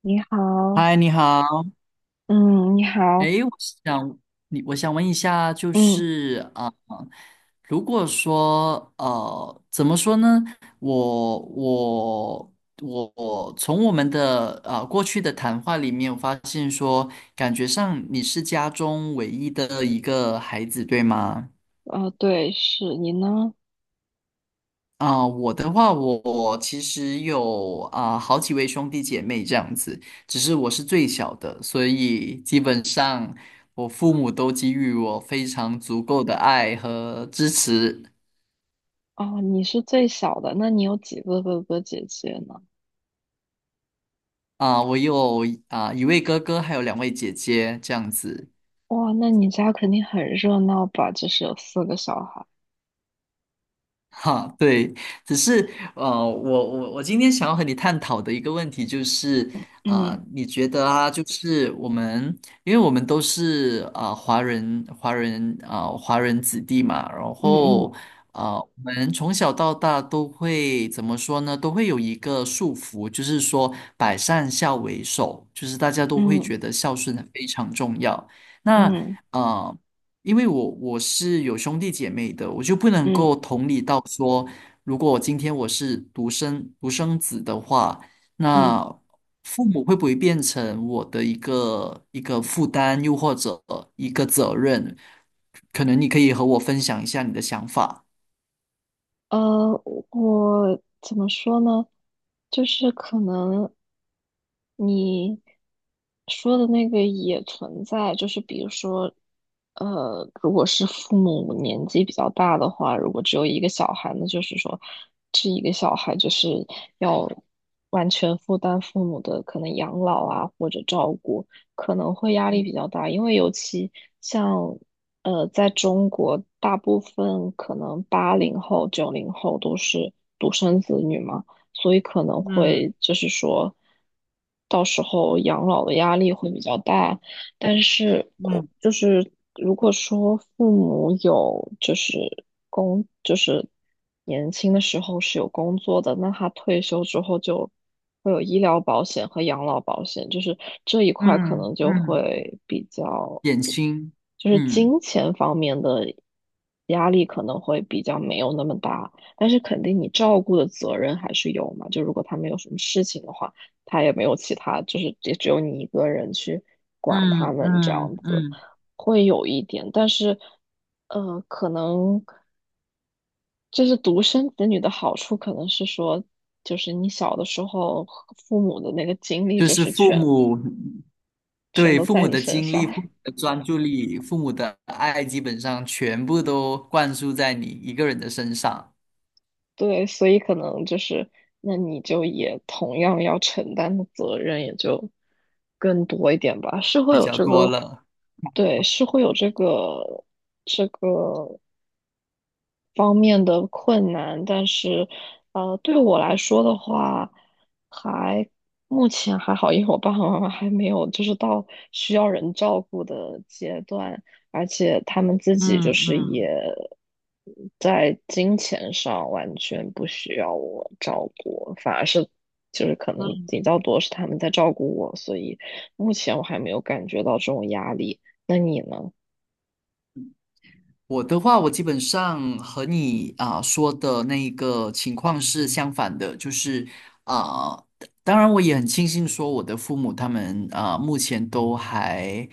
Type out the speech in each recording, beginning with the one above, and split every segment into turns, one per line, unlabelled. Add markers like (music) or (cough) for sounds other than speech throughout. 你好，
嗨，你好。
嗯，你好，
诶，我想你，我想问一下，就
嗯，
是如果说怎么说呢？我我我从我们的过去的谈话里面，我发现说，感觉上你是家中唯一的一个孩子，对吗？
对，是你呢？
我的话，我其实有好几位兄弟姐妹这样子，只是我是最小的，所以基本上我父母都给予我非常足够的爱和支持。
哦，你是最小的，那你有几个哥哥姐姐呢？
我有一位哥哥，还有两位姐姐这样子。
哇，那你家肯定很热闹吧？就是有4个小孩。
哈，对，只是我我今天想要和你探讨的一个问题就是，
嗯
你觉得就是我们，因为我们都是华人，华人子弟嘛，然
嗯
后
嗯
我们从小到大都会怎么说呢？都会有一个束缚，就是说百善孝为首，就是大家都会
嗯
觉得孝顺非常重要。那
嗯
啊、呃因为我是有兄弟姐妹的，我就不能
嗯嗯。
够同理到说，如果今天我是独生子的话，
嗯。
那父母会不会变成我的一个负担，又或者一个责任？可能你可以和我分享一下你的想法，
呃，我怎么说呢？就是可能你说的那个也存在，就是比如说，如果是父母年纪比较大的话，如果只有一个小孩，那就是说，这一个小孩就是要完全负担父母的可能养老啊，或者照顾。可能会压力比较大，因为尤其像，在中国，大部分可能80后、90后都是独生子女嘛，所以可能
嗯
会就是说，到时候养老的压力会比较大，但是我
嗯
就是如果说父母有就是工就是年轻的时候是有工作的，那他退休之后就会有医疗保险和养老保险，就是这一块可
嗯
能就
嗯
会比较
点心，
就是
嗯，
金钱方面的压力可能会比较没有那么大，但是肯定你照顾的责任还是有嘛，就如果他们有什么事情的话。他也没有其他，就是也只有你一个人去管他
嗯
们这样
嗯
子，
嗯
会有一点，但是，可能就是独生子女的好处，可能是说，就是你小的时候父母的那个精力
就
就
是
是
父
全
母。
全
对，
都
父
在
母
你
的
身
精
上。
力、父母
(laughs)
的专注力、父母的爱，基本上全部都灌输在你一个人的身上
对，所以可能就是，那你就也同样要承担的责任也就更多一点吧，是会
比
有
较
这
多
个，
了。
对，是会有这个。方面的困难，但是，对我来说的话，还目前还好，因为我爸爸妈妈还没有就是到需要人照顾的阶段，而且他们自己
嗯
就是也
嗯
在金钱上完全不需要我照顾，反而是就是可能
嗯。
比较多是他们在照顾我，所以目前我还没有感觉到这种压力。那你呢？
我的话，我基本上和你说的那一个情况是相反的，就是啊、当然我也很庆幸说我的父母他们目前都还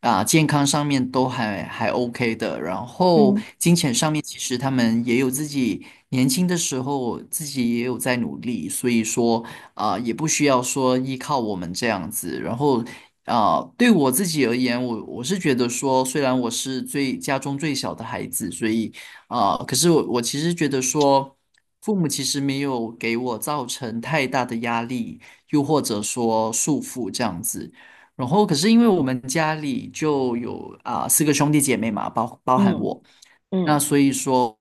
健康上面都还 OK 的，然后
嗯
金钱上面其实他们也有自己年轻的时候自己也有在努力，所以说也不需要说依靠我们这样子，然后对我自己而言，我是觉得说，虽然我是最家中最小的孩子，所以可是我其实觉得说，父母其实没有给我造成太大的压力，又或者说束缚这样子。然后，可是因为我们家里就有四个兄弟姐妹嘛，包含
嗯
我。那
嗯。
所以说，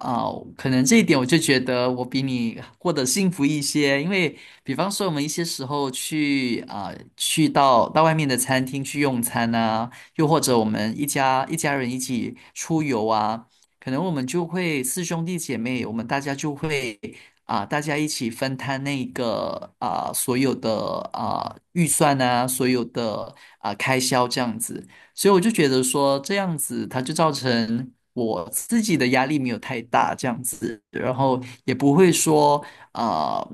啊、可能这一点我就觉得我比你过得幸福一些，因为比方说我们一些时候去去到外面的餐厅去用餐啊，又或者我们一家人一起出游啊，可能我们就会四兄弟姐妹，我们大家就会大家一起分摊那个所有的预算呐，所有的开销这样子。所以我就觉得说这样子，它就造成我自己的压力没有太大，这样子，然后也不会说，啊，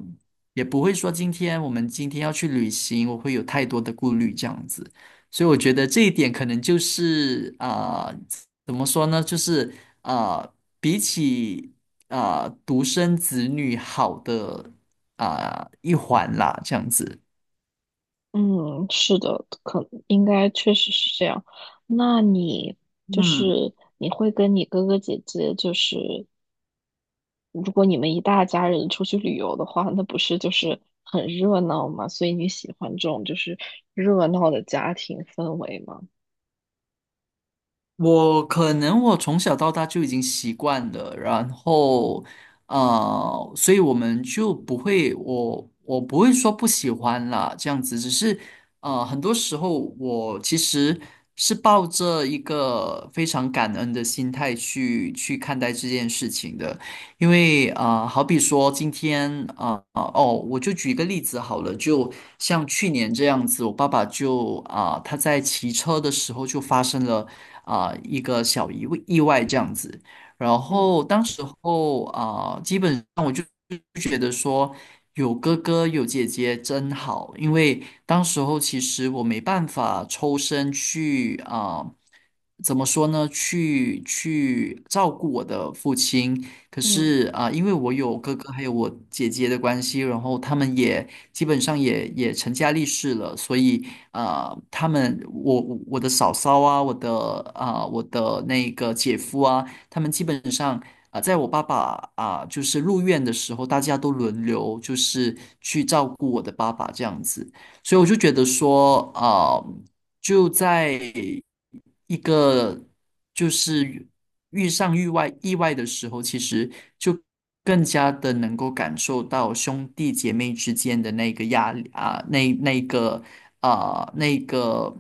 也不会说今天我们今天要去旅行，我会有太多的顾虑这样子。所以我觉得这一点可能就是怎么说呢？就是啊，比起独生子女好的一环啦，这样子。
嗯，是的，可应该确实是这样。那你就
嗯，
是你会跟你哥哥姐姐，就是如果你们一大家人出去旅游的话，那不是就是很热闹嘛？所以你喜欢这种就是热闹的家庭氛围吗？
我可能我从小到大就已经习惯了，然后所以我们就不会，我不会说不喜欢啦，这样子，只是很多时候我其实是抱着一个非常感恩的心态去看待这件事情的，因为啊，好比说今天我就举一个例子好了，就像去年这样子，我爸爸就他在骑车的时候就发生了一个小意外这样子。然
嗯
后当时候基本上我就觉得说有哥哥有姐姐真好，因为当时候其实我没办法抽身去怎么说呢？去照顾我的父亲。可
嗯。
是因为我有哥哥还有我姐姐的关系，然后他们也基本上也成家立室了，所以他们我的嫂嫂啊，我的我的那个姐夫啊，他们基本上在我爸爸就是入院的时候，大家都轮流就是去照顾我的爸爸这样子，所以我就觉得说就在一个就是遇上意外的时候，其实就更加的能够感受到兄弟姐妹之间的那个压力啊，那个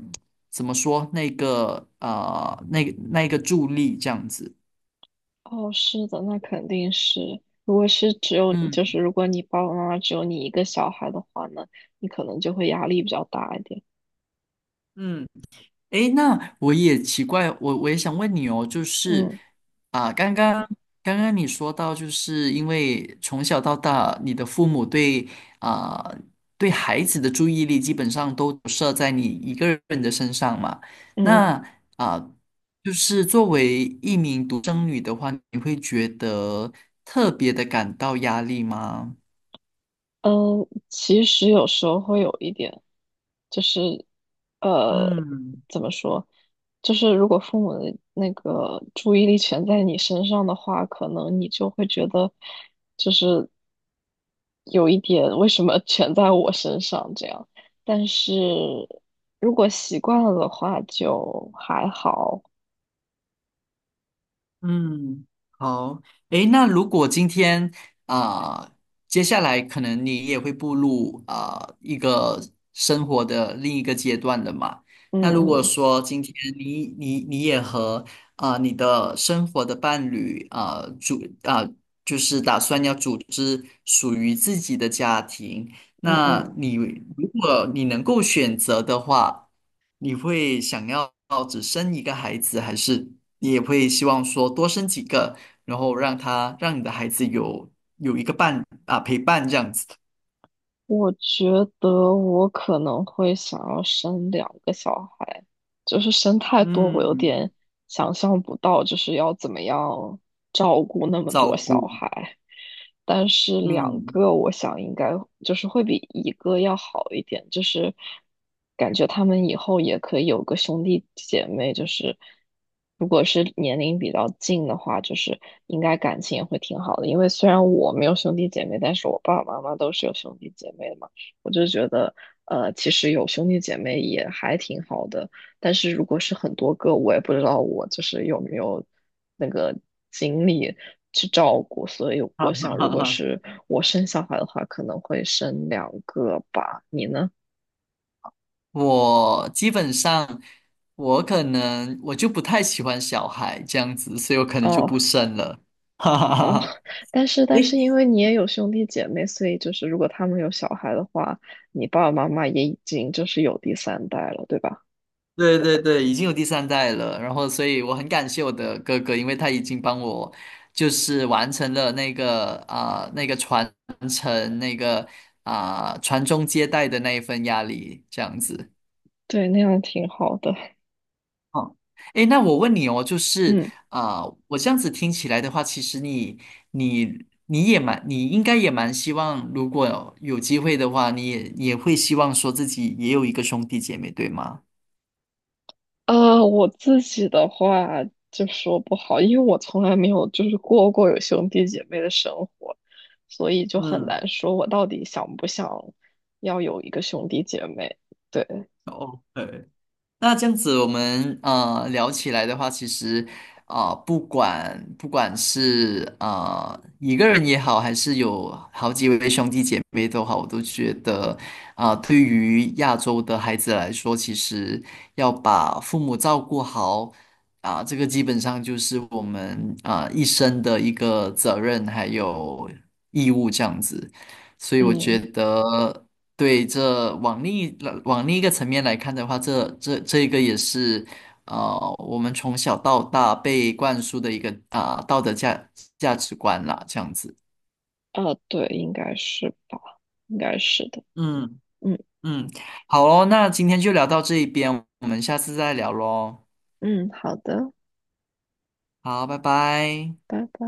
怎么说那个那个助力这样子，
哦，是的，那肯定是。如果是只有就
嗯
是如果你爸爸妈妈只有你一个小孩的话呢，你可能就会压力比较大一点。
嗯。诶，那我也奇怪，我也想问你哦，就是
嗯
啊，刚刚刚刚你说到，就是因为从小到大，你的父母对啊对孩子的注意力基本上都设在你一个人的身上嘛。那
嗯。
啊，就是作为一名独生女的话，你会觉得特别的感到压力吗？
嗯，其实有时候会有一点，就是呃，
嗯。
怎么说，就是如果父母的那个注意力全在你身上的话，可能你就会觉得，就是有一点为什么全在我身上这样。但是如果习惯了的话，就还好。
嗯，好，诶，那如果今天啊、呃接下来可能你也会步入一个生活的另一个阶段了嘛？
嗯
那如果
嗯
说今天你也和你的生活的伴侣啊、呃组啊、呃就是打算要组织属于自己的家庭，
嗯
那
嗯。
你如果你能够选择的话。你会想要只生一个孩子，还是你也会希望说多生几个，然后让你的孩子有一个伴啊陪伴这样子？
我觉得我可能会想要生2个小孩，就是生太多，我有
嗯，
点想象不到，就是要怎么样照顾那么
照
多小
顾，
孩。但是两
嗯，
个我想应该就是会比一个要好一点，就是感觉他们以后也可以有个兄弟姐妹，就是如果是年龄比较近的话，就是应该感情也会挺好的。因为虽然我没有兄弟姐妹，但是我爸爸妈妈都是有兄弟姐妹的嘛，我就觉得其实有兄弟姐妹也还挺好的。但是如果是很多个，我也不知道我就是有没有那个精力去照顾，所以
哈
我
哈
想，如
哈
果
哈。
是我生小孩的话，可能会生两个吧。你呢？
我基本上我可能我就不太喜欢小孩这样子，所以我可能就
哦
不生了。(laughs) 哈哈哈
哦，
哈。
但是因为你也有兄弟姐妹，所以就是如果他们有小孩的话，你爸爸妈妈也已经就是有第三代了，对吧？
(laughs) 对对对，已经有第三代了，然后所以我很感谢我的哥哥，因为他已经帮我就是完成了那个那个传承那个传宗接代的那一份压力，这样子。
对，那样挺好的。
哦，诶，那我问你哦，就是
嗯。
啊、我这样子听起来的话，其实你也蛮，你应该也蛮希望，如果有机会的话，你也也会希望说自己也有一个兄弟姐妹，对吗？
啊，我自己的话就说不好，因为我从来没有就是过过有兄弟姐妹的生活，所以就很
嗯
难说我到底想不想要有一个兄弟姐妹。对，
，OK,那这样子，我们聊起来的话，其实不管是一个人也好，还是有好几位兄弟姐妹都好，我都觉得对于亚洲的孩子来说，其实要把父母照顾好这个基本上就是我们一生的一个责任还有义务这样子，所以我觉
嗯，
得。对，这往另一个层面来看的话，这个也是，我们从小到大被灌输的一个道德价值观啦，这样子。
啊，对，应该是吧，应该是的。
嗯
嗯
嗯，好哦，那今天就聊到这一边，我们下次再聊喽。
嗯，好的，
好，拜拜。
拜拜。